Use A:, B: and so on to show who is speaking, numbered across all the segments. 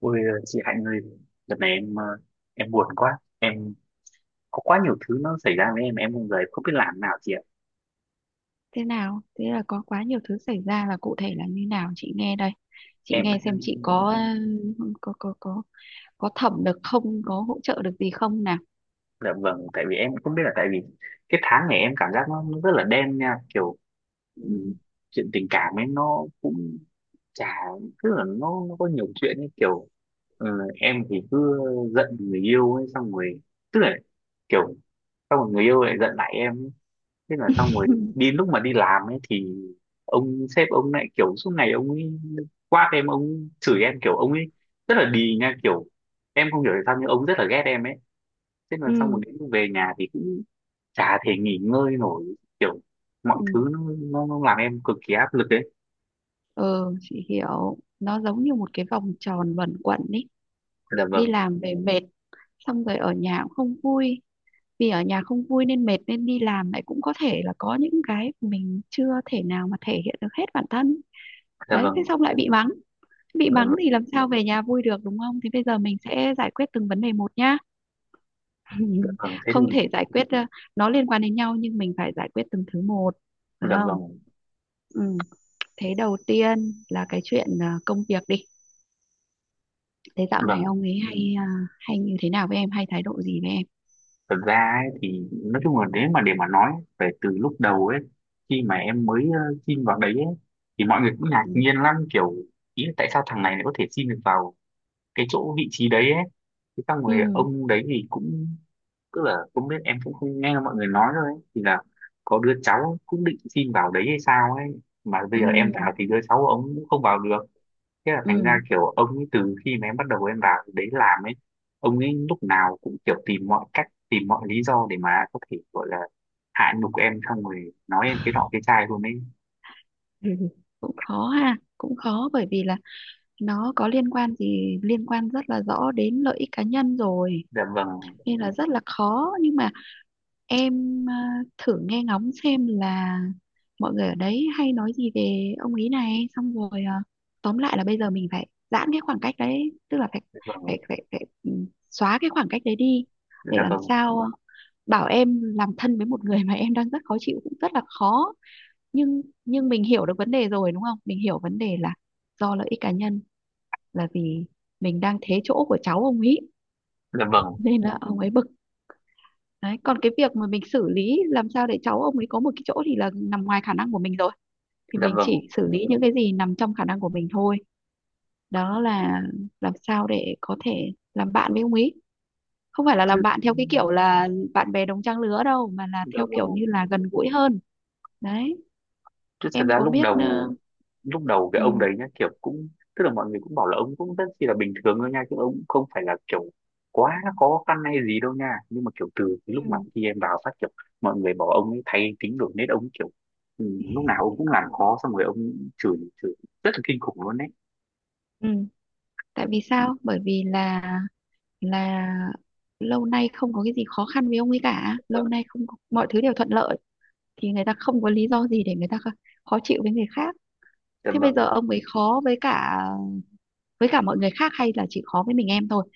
A: Ôi chị Hạnh ơi, đợt này em em buồn quá, em có quá nhiều thứ nó xảy ra với em không giờ em không biết làm nào chị ạ.
B: Thế nào? Thế là có quá nhiều thứ xảy ra là cụ thể là như nào? Chị nghe đây, chị
A: Em
B: nghe xem chị
A: ừm,
B: có có có thẩm được không, có hỗ trợ được gì không nào?
A: dạ vâng, tại vì em cũng không biết là tại vì cái tháng này em cảm giác nó rất là đen nha, kiểu
B: ừ.
A: ừm, chuyện tình cảm ấy nó cũng chả tức là nó có nhiều chuyện ấy kiểu ờ, em thì cứ giận người yêu ấy xong rồi tức là kiểu xong rồi người yêu lại giận lại em. Thế là xong rồi đi lúc mà đi làm ấy thì ông sếp ông lại kiểu suốt ngày ông ấy quát em, ông chửi em, kiểu ông ấy rất là đì nha, kiểu em không hiểu tại sao nhưng ông rất là ghét em ấy. Thế là
B: ừ
A: xong rồi đến lúc về nhà thì cũng chả thể nghỉ ngơi nổi, kiểu mọi thứ
B: ừ
A: nó làm em cực kỳ áp lực đấy.
B: ừ, chị hiểu, nó giống như một cái vòng tròn luẩn quẩn ý.
A: Dạ
B: Đi
A: vâng.
B: làm về mệt, xong rồi ở nhà cũng không vui, vì ở nhà không vui nên mệt, nên đi làm lại cũng có thể là có những cái mình chưa thể nào mà thể hiện được hết bản thân.
A: Dạ
B: Đấy, thế
A: vâng.
B: xong lại bị mắng. Bị
A: Dạ
B: mắng thì
A: vâng.
B: làm sao về nhà vui được, đúng không? Thế bây giờ mình sẽ giải quyết từng vấn đề một nhá.
A: Dạ vâng, thế
B: Không thể
A: thì
B: giải quyết nó liên quan đến nhau, nhưng mình phải giải quyết từng thứ một, được
A: dạ
B: không?
A: vâng.
B: Ừ. Thế đầu tiên là cái chuyện công việc đi. Thế dạo này
A: Vâng,
B: ông ấy hay hay như thế nào với em, hay thái độ gì với em?
A: thật ra ấy, thì nói chung là nếu mà để mà nói về từ lúc đầu ấy, khi mà em mới xin vào đấy ấy, thì mọi người cũng ngạc
B: ừ
A: nhiên lắm, kiểu ý là tại sao thằng này lại có thể xin được vào cái chỗ vị trí đấy ấy. Thế xong
B: ừ
A: rồi ông đấy thì cũng tức là không biết, em cũng không nghe mọi người nói thôi ấy, thì là có đứa cháu cũng định xin vào đấy hay sao ấy mà bây
B: ừ,
A: giờ em vào thì đứa cháu của ông cũng không vào được. Thế là thành ra kiểu ông ấy từ khi mà em bắt đầu em vào đấy làm ấy, ông ấy lúc nào cũng kiểu tìm mọi cách, tìm mọi lý do để mà có thể gọi là hạ nhục em, xong rồi nói em cái nọ cái chai luôn ấy.
B: ừ. Cũng khó ha, cũng khó, bởi vì là nó có liên quan gì, liên quan rất là rõ đến lợi ích cá nhân rồi,
A: Dạ vâng.
B: nên là rất là khó. Nhưng mà em thử nghe ngóng xem là mọi người ở đấy hay nói gì về ông ý này, xong rồi tóm lại là bây giờ mình phải giãn cái khoảng cách đấy, tức là phải
A: Dạ vâng.
B: phải xóa cái khoảng cách đấy đi. Để
A: Dạ
B: làm
A: vâng.
B: sao bảo em làm thân với một người mà em đang rất khó chịu cũng rất là khó, nhưng mình hiểu được vấn đề rồi đúng không, mình hiểu vấn đề là do lợi ích cá nhân, là vì mình đang thế chỗ của cháu ông ấy,
A: Dạ vâng.
B: nên là ông ấy bực. Đấy, còn cái việc mà mình xử lý làm sao để cháu ông ấy có một cái chỗ thì là nằm ngoài khả năng của mình rồi, thì
A: Dạ
B: mình chỉ
A: vâng.
B: xử lý những cái gì nằm trong khả năng của mình thôi. Đó là làm sao để có thể làm bạn với ông ấy, không phải là
A: Chứ.
B: làm bạn theo cái kiểu là bạn bè đồng trang lứa đâu, mà là
A: Dạ
B: theo kiểu như
A: vâng.
B: là gần gũi hơn. Đấy,
A: Chứ thật
B: em
A: ra
B: có
A: lúc
B: biết
A: đầu, lúc đầu cái ông
B: ừ,
A: đấy nhá kiểu cũng tức là mọi người cũng bảo là ông cũng rất chi là bình thường thôi nha, chứ ông cũng không phải là kiểu quá khó khăn hay gì đâu nha, nhưng mà kiểu từ cái
B: ừ,
A: lúc mà khi em vào phát kiểu mọi người bảo ông ấy thay tính đổi nết, ông kiểu ừ, lúc nào ông cũng làm khó, xong rồi ông chửi chửi rất là kinh khủng luôn đấy.
B: ừ. Tại vì sao? Bởi vì là là lâu nay không có cái gì khó khăn với ông ấy cả, lâu
A: Vâng.
B: nay không có, mọi thứ đều thuận lợi, thì người ta không có lý do gì để người ta khó chịu với người khác.
A: Dạ
B: Thế bây giờ
A: vâng,
B: ông ấy khó với cả mọi người khác, hay là chỉ khó với mình em thôi?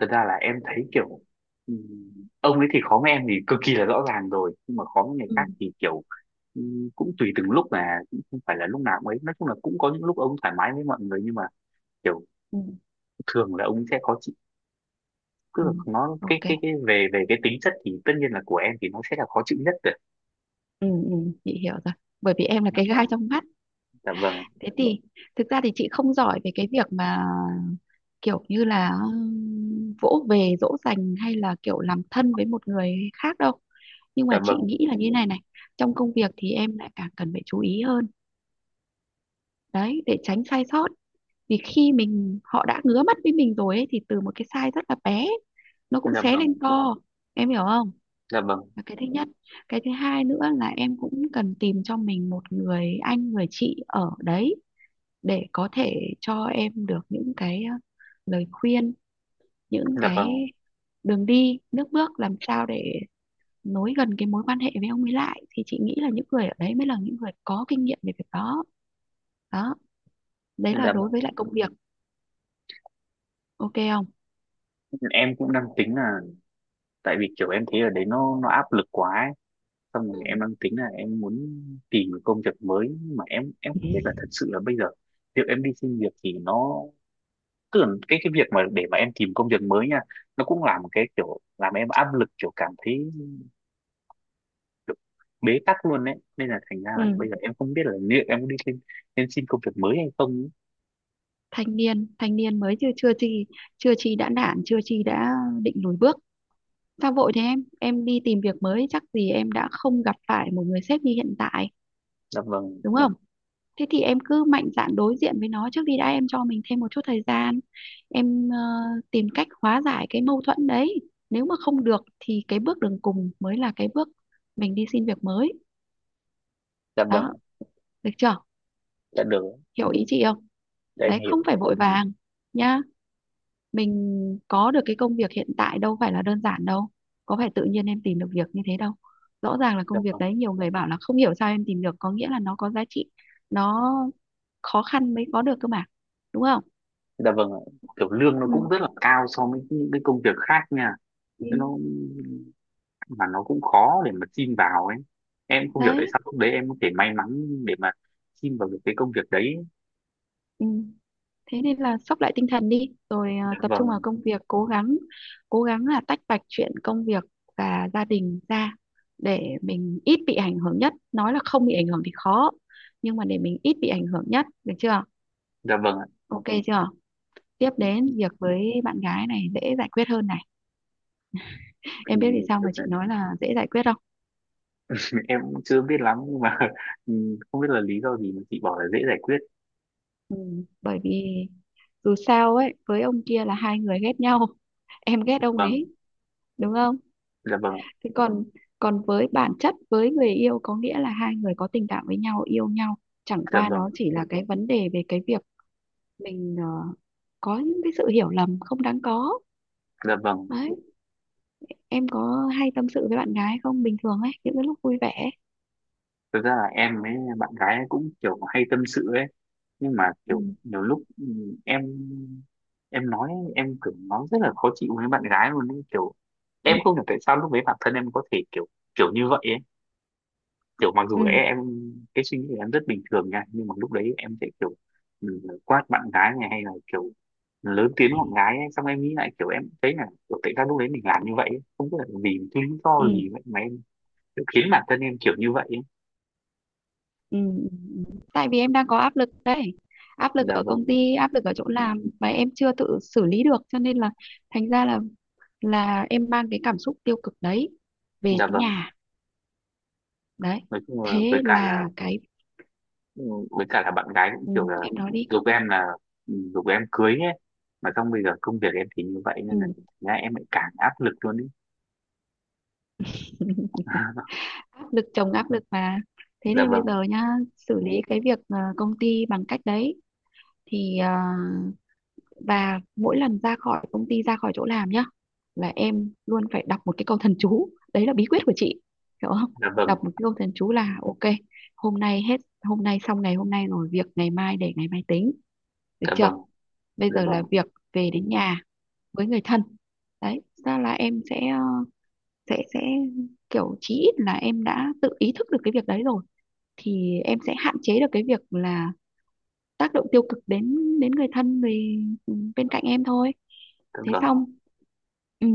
A: thật ra là em thấy kiểu ông ấy thì khó với em thì cực kỳ là rõ ràng rồi, nhưng mà khó với người
B: ừ
A: khác thì kiểu cũng tùy từng lúc mà cũng không phải là lúc nào cũng ấy, nói chung là cũng có những lúc ông thoải mái với mọi người, nhưng mà kiểu
B: ừ
A: thường là ông sẽ khó chịu. Cứ
B: ừ.
A: là nó
B: Ok.
A: cái về về cái tính chất thì tất nhiên là của em thì nó sẽ là khó chịu nhất rồi.
B: ừ ừ chị hiểu rồi, bởi vì em là
A: Dạ
B: cái gai
A: vâng.
B: trong mắt.
A: Dạ vâng.
B: Thế thì thực ra thì chị không giỏi về cái việc mà kiểu như là vỗ về dỗ dành hay là kiểu làm thân với một người khác đâu, nhưng
A: Dạ
B: mà chị
A: vâng.
B: nghĩ là như này này: trong công việc thì em lại càng cần phải chú ý hơn, đấy, để tránh sai sót. Vì khi mình họ đã ngứa mắt với mình rồi ấy, thì từ một cái size rất là bé nó cũng
A: Dạ
B: xé lên
A: vâng.
B: to, em hiểu không?
A: Dạ vâng.
B: Là cái thứ nhất. Cái thứ hai nữa là em cũng cần tìm cho mình một người anh người chị ở đấy, để có thể cho em được những cái lời khuyên, những
A: Dạ
B: cái
A: vâng.
B: đường đi nước bước làm sao để nối gần cái mối quan hệ với ông ấy lại, thì chị nghĩ là những người ở đấy mới là những người có kinh nghiệm về việc đó. Đó, đấy là
A: Dạ
B: đối
A: vâng,
B: với lại công việc. Ok không?
A: em cũng đang tính là tại vì kiểu em thấy ở đấy nó áp lực quá ấy. Xong rồi
B: Ừ.
A: em đang tính là em muốn tìm một công việc mới, nhưng mà em không biết là thật sự là bây giờ việc em đi xin việc thì nó tức là cái việc mà để mà em tìm công việc mới nha, nó cũng là một cái kiểu làm em áp lực, kiểu cảm thấy kiểu bế tắc luôn đấy, nên là thành ra là
B: Ừ,
A: bây giờ em không biết là liệu em có đi xin em xin công việc mới hay không ấy.
B: thanh niên mới, chưa chưa chi chưa chi đã nản, chưa chi đã định lùi bước. Sao vội thế em đi tìm việc mới chắc gì em đã không gặp phải một người sếp như hiện tại,
A: Dạ vâng.
B: đúng không? Thế thì em cứ mạnh dạn đối diện với nó trước đi đã, em cho mình thêm một chút thời gian, em tìm cách hóa giải cái mâu thuẫn đấy. Nếu mà không được thì cái bước đường cùng mới là cái bước mình đi xin việc mới.
A: Dạ vâng.
B: Đó, được chưa?
A: Dạ được.
B: Hiểu ý chị không?
A: Dạ em
B: Đấy,
A: hiểu.
B: không phải vội vàng nha. Mình có được cái công việc hiện tại đâu phải là đơn giản đâu, có phải tự nhiên em tìm được việc như thế đâu, rõ ràng là
A: Dạ
B: công việc
A: vâng.
B: đấy nhiều người bảo là không hiểu sao em tìm được, có nghĩa là nó có giá trị, nó khó khăn mới có được cơ mà, đúng không?
A: Dạ vâng ạ. Kiểu lương nó cũng
B: Ừ.
A: rất là cao so với những cái công việc khác nha.
B: Ừ.
A: Thế nó mà nó cũng khó để mà xin vào ấy, em không hiểu tại
B: Đấy.
A: sao lúc đấy em có thể may mắn để mà xin vào được cái công việc đấy.
B: Ừ. Thế nên là sóc lại tinh thần đi rồi à,
A: Dạ
B: tập trung vào
A: vâng.
B: công việc, cố gắng. Cố gắng là tách bạch chuyện công việc và gia đình ra, để mình ít bị ảnh hưởng nhất, nói là không bị ảnh hưởng thì khó, nhưng mà để mình ít bị ảnh hưởng nhất, được chưa?
A: Dạ vâng ạ.
B: Ok chưa? Tiếp đến việc với bạn gái này, dễ giải quyết hơn này.
A: Thì
B: Em biết vì sao
A: thật
B: mà
A: ra
B: chị nói là dễ giải quyết không?
A: em cũng chưa biết lắm nhưng mà ừ, không biết là lý do gì mà chị bảo là dễ giải quyết.
B: ừ, Bởi vì dù sao ấy, với ông kia là hai người ghét nhau, em ghét
A: Dạ
B: ông
A: vâng.
B: ấy, đúng không?
A: Dạ vâng.
B: Thế còn còn với bản chất với người yêu có nghĩa là hai người có tình cảm với nhau, yêu nhau, chẳng
A: Dạ
B: qua nó
A: vâng.
B: chỉ là cái vấn đề về cái việc mình có những cái sự hiểu lầm không đáng có.
A: Dạ vâng,
B: Đấy, em có hay tâm sự với bạn gái không, bình thường ấy, những cái lúc vui vẻ?
A: thực ra là em với bạn gái ấy cũng kiểu hay tâm sự ấy, nhưng mà
B: ừ
A: kiểu nhiều lúc em em nói em kiểu nói rất là khó chịu với bạn gái luôn ấy, kiểu em
B: ừ
A: không hiểu tại sao lúc đấy bản thân em có thể kiểu kiểu như vậy ấy, kiểu mặc dù
B: ừ
A: em cái suy nghĩ của em rất bình thường nha, nhưng mà lúc đấy em sẽ kiểu quát bạn gái này hay là kiểu lớn tiếng bạn gái ấy. Xong em nghĩ lại kiểu em thấy là kiểu, tại sao lúc đấy mình làm như vậy ấy? Không biết là vì cái lý do
B: ừ.
A: gì vậy mà em kiểu khiến bản thân em kiểu như vậy ấy.
B: Ừ, ừ, Tại vì em đang có áp lực đấy, áp lực
A: Dạ
B: ở công
A: vâng.
B: ty, áp lực ở chỗ làm mà em chưa tự xử lý được, cho nên là thành ra là em mang cái cảm xúc tiêu cực đấy về
A: Dạ
B: đến
A: vâng,
B: nhà. Đấy,
A: nói chung là với
B: thế
A: cả là
B: là cái
A: ừ, với cả là bạn gái cũng
B: ừ,
A: kiểu là
B: em nói đi.
A: giục em là giục em cưới ấy, mà xong bây giờ công việc em thì như vậy nên là
B: ừ.
A: thành ra em lại càng áp lực luôn ấy.
B: Áp lực chồng áp lực mà. Thế
A: Dạ
B: nên bây
A: vâng.
B: giờ nhá, xử lý cái việc công ty bằng cách đấy thì và mỗi lần ra khỏi công ty, ra khỏi chỗ làm nhá, là em luôn phải đọc một cái câu thần chú, đấy là bí quyết của chị, hiểu không?
A: Dạ vâng.
B: Đọc một cái câu thần chú là: ok, hôm nay hết hôm nay, xong ngày hôm nay rồi, việc ngày mai để ngày mai tính, được
A: Dạ
B: chưa?
A: vâng.
B: Bây
A: Dạ
B: giờ là
A: vâng.
B: việc về đến nhà với người thân. Đấy ra là em sẽ sẽ sẽ kiểu chí ít là em đã tự ý thức được cái việc đấy rồi, thì em sẽ hạn chế được cái việc là tác động tiêu cực đến đến người thân bên cạnh em thôi.
A: Tức
B: Thế
A: là
B: xong. Ừ.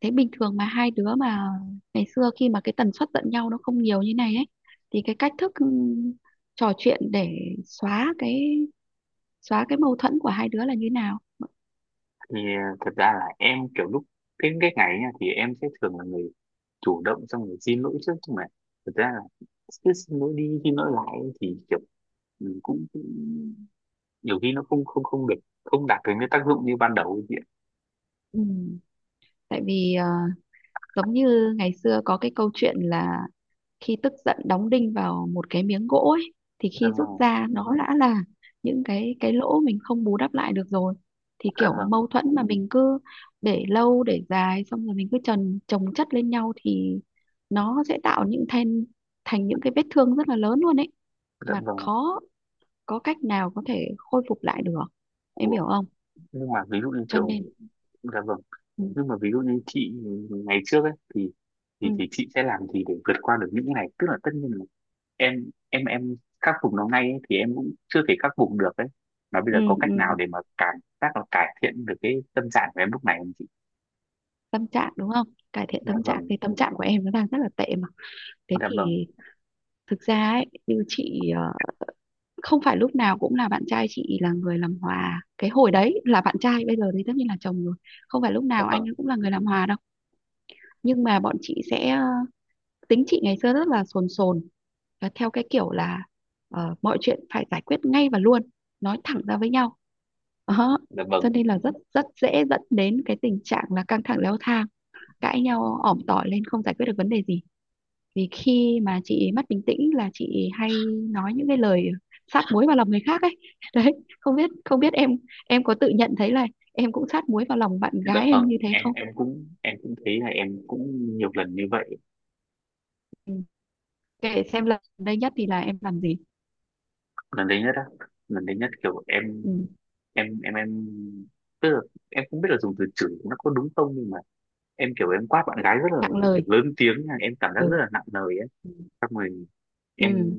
B: Thế bình thường mà hai đứa mà ngày xưa, khi mà cái tần suất giận nhau nó không nhiều như này ấy, thì cái cách thức trò chuyện để xóa cái xóa cái mâu thuẫn của hai đứa là như nào?
A: thì thật ra là em kiểu lúc cái ngày ấy nha thì em sẽ thường là người chủ động xong rồi xin lỗi trước, nhưng mà thật ra là cứ xin lỗi đi xin lỗi lại ấy thì kiểu mình cũng cũng- nhiều khi nó không không không được, không đạt được cái tác dụng như ban đầu ấy chị ạ.
B: Ừ. Tại vì giống như ngày xưa có cái câu chuyện là khi tức giận đóng đinh vào một cái miếng gỗ ấy, thì
A: Dạ
B: khi rút
A: vâng.
B: ra nó đã là những cái lỗ mình không bù đắp lại được rồi, thì
A: Dạ
B: kiểu
A: vâng.
B: mâu thuẫn mà mình cứ để lâu để dài, xong rồi mình cứ chồng chồng chất lên nhau, thì nó sẽ tạo những thành thành những cái vết thương rất là lớn luôn ấy,
A: Dạ
B: mà
A: vâng.
B: khó có cách nào có thể khôi phục lại được, em
A: Của.
B: hiểu không?
A: Nhưng mà ví dụ như
B: Cho
A: kiểu
B: nên
A: dạ vâng,
B: ừ,
A: nhưng mà ví dụ như chị ngày trước ấy thì
B: ừ,
A: thì chị sẽ làm gì để vượt qua được những cái này, tức là tất nhiên em khắc phục nó ngay ấy, thì em cũng chưa thể khắc phục được đấy, mà bây
B: ừ,
A: giờ có
B: ừ.
A: cách nào để mà cảm giác là cải thiện được cái tâm trạng của em lúc này không chị?
B: tâm trạng đúng không? Cải thiện
A: Dạ
B: tâm trạng,
A: vâng.
B: thì tâm trạng của em nó đang rất là tệ mà. Thế
A: Dạ vâng.
B: thì thực ra ấy, như chị không phải lúc nào cũng là bạn trai chị là người làm hòa, cái hồi đấy là bạn trai, bây giờ thì tất nhiên là chồng rồi, không phải lúc
A: Dạ
B: nào
A: vâng.
B: anh ấy cũng là người làm hòa đâu, nhưng mà bọn chị sẽ tính chị ngày xưa rất là sồn sồn, và theo cái kiểu là mọi chuyện phải giải quyết ngay và luôn, nói thẳng ra với nhau. Đó,
A: Dạ
B: cho
A: vâng.
B: nên là rất rất dễ dẫn đến cái tình trạng là căng thẳng leo thang, cãi nhau ỏm tỏi lên không giải quyết được vấn đề gì, vì khi mà chị mất bình tĩnh là chị hay nói những cái lời sát muối vào lòng người khác ấy. Đấy, không biết, không biết em có tự nhận thấy là em cũng sát muối vào lòng bạn
A: Dạ
B: gái em
A: vâng,
B: như thế không?
A: em cũng thấy là em cũng nhiều lần như vậy.
B: Ừ. Kể xem lần đây nhất thì là em làm gì?
A: Lần đấy nhất á, lần đấy nhất kiểu em
B: Ừ.
A: em tức là em không biết là dùng từ chửi nó có đúng không, nhưng mà em kiểu em quát bạn gái rất là
B: Nặng lời.
A: lớn tiếng nha, em cảm giác rất
B: Ừ.
A: là nặng lời ấy. Xong rồi em
B: ừ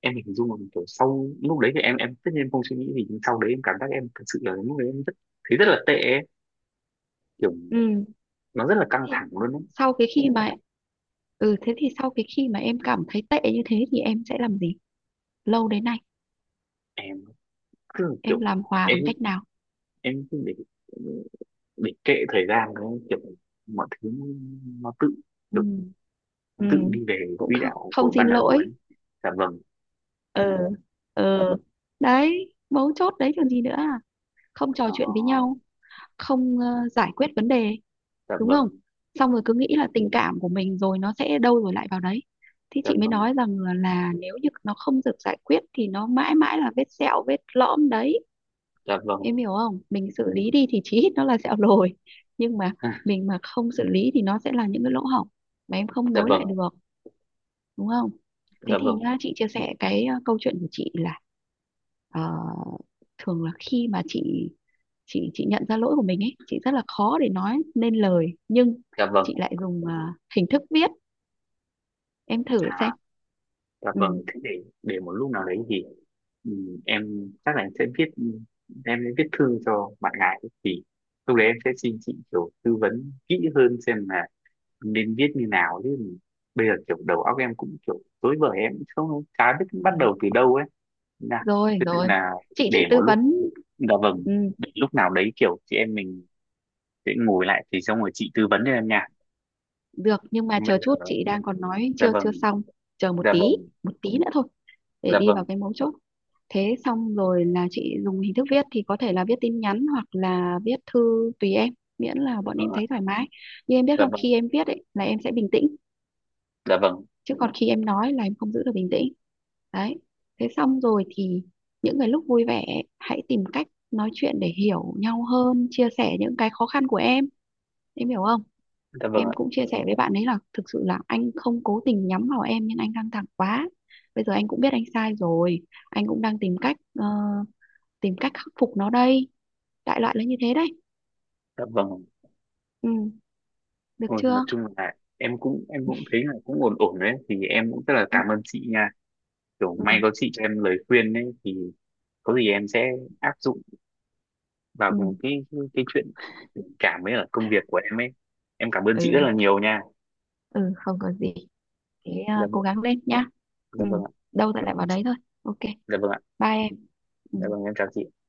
A: em hình dung là kiểu sau lúc đấy thì em tất nhiên em không suy nghĩ gì, nhưng sau đấy em cảm giác em thật sự là lúc đấy em rất thấy rất là tệ ấy. Kiểu
B: ừ
A: nó rất là căng
B: thì
A: thẳng luôn đấy.
B: sau cái khi mà thế thì sau cái khi mà em cảm thấy tệ như thế thì em sẽ làm gì, lâu đến nay
A: Em cứ kiểu
B: em làm hòa
A: em
B: bằng cách nào?
A: cứ để kệ thời gian đấy, kiểu mọi thứ nó tự
B: ừ
A: kiểu
B: ừ
A: tự đi về
B: Cũng
A: quỹ
B: không,
A: đạo
B: không
A: của
B: xin
A: ban đầu ấy.
B: lỗi.
A: Dạ vâng.
B: ừ ừ Đấy, mấu chốt đấy, còn gì nữa à, không trò
A: ờ,
B: chuyện với nhau, không giải quyết vấn đề,
A: dạ
B: đúng không?
A: vâng.
B: Xong rồi cứ nghĩ là tình cảm của mình rồi nó sẽ đâu rồi lại vào đấy, thì
A: Dạ
B: chị mới
A: vâng.
B: nói rằng là nếu như nó không được giải quyết thì nó mãi mãi là vết sẹo, vết lõm đấy,
A: Dạ vâng.
B: em hiểu không? Mình xử lý đi thì chí ít nó là sẹo rồi, nhưng mà mình mà không xử lý thì nó sẽ là những cái lỗ hổng mà em không
A: Dạ
B: nối
A: vâng.
B: lại được, đúng không? Thế
A: Dạ
B: thì
A: vâng.
B: nhá, chị chia sẻ cái câu chuyện của chị là ờ, thường là khi mà chị nhận ra lỗi của mình ấy, chị rất là khó để nói nên lời, nhưng
A: Dạ vâng.
B: chị lại dùng hình thức viết, em thử xem.
A: À. Dạ
B: Ừ.
A: vâng, thế để một lúc nào đấy thì ừ, em chắc là em sẽ viết, em sẽ viết thư cho bạn gái ấy. Thì lúc đấy em sẽ xin chị kiểu tư vấn kỹ hơn xem là nên viết như nào, chứ bây giờ kiểu đầu óc em cũng kiểu rối bời, em cũng không chả biết bắt
B: Dạ.
A: đầu từ đâu ấy. Thế là
B: Rồi
A: thế nên
B: rồi,
A: là
B: chị
A: để
B: chị
A: một
B: tư
A: lúc
B: vấn.
A: dạ vâng
B: Ừ,
A: để lúc nào đấy kiểu chị em mình sẽ ngồi lại thì xong rồi chị tư vấn cho em nha.
B: được, nhưng mà
A: Còn bây
B: chờ chút, chị
A: giờ
B: đang còn nói
A: dạ
B: chưa chưa
A: vâng.
B: xong. Chờ một
A: Dạ
B: tí,
A: vâng.
B: một tí nữa thôi, để
A: Dạ
B: đi vào
A: vâng.
B: cái mấu chốt. Thế xong rồi là chị dùng hình thức viết thì có thể là viết tin nhắn hoặc là viết thư, tùy em, miễn là
A: Dạ
B: bọn
A: vâng
B: em
A: ạ.
B: thấy thoải mái. Nhưng em biết
A: Dạ
B: không,
A: vâng.
B: khi em viết ấy là em sẽ bình tĩnh,
A: Dạ vâng.
B: chứ còn khi em nói là em không giữ được bình tĩnh. Đấy, thế xong rồi thì những cái lúc vui vẻ ấy, hãy tìm cách nói chuyện để hiểu nhau hơn, chia sẻ những cái khó khăn của em hiểu không?
A: Dạ vâng
B: Em
A: ạ.
B: cũng chia sẻ với bạn ấy là thực sự là anh không cố tình nhắm vào em, nhưng anh căng thẳng quá, bây giờ anh cũng biết anh sai rồi, anh cũng đang tìm cách tìm cách khắc phục nó đây. Đại loại là như thế đấy.
A: Dạ vâng.
B: Ừ, được
A: Thôi nói
B: chưa?
A: chung là em cũng thấy là cũng ổn ổn đấy, thì em cũng rất là
B: ừ
A: cảm ơn chị nha, kiểu may
B: ừ
A: có chị cho em lời khuyên đấy thì có gì em sẽ áp dụng vào
B: ừ
A: cái chuyện tình cảm với ở công việc của em ấy, em cảm ơn chị rất
B: ừ,
A: là nhiều nha.
B: ừ không có gì. Thế
A: Dạ
B: à, cố
A: vâng.
B: gắng lên nhá. Ừ,
A: Dạ vâng ạ.
B: đâu lại
A: Dạ
B: lại vào
A: Vâng.
B: đấy thôi. Ok,
A: Dạ vâng ạ.
B: bye em. Ừ.
A: Dạ vâng em chào chị.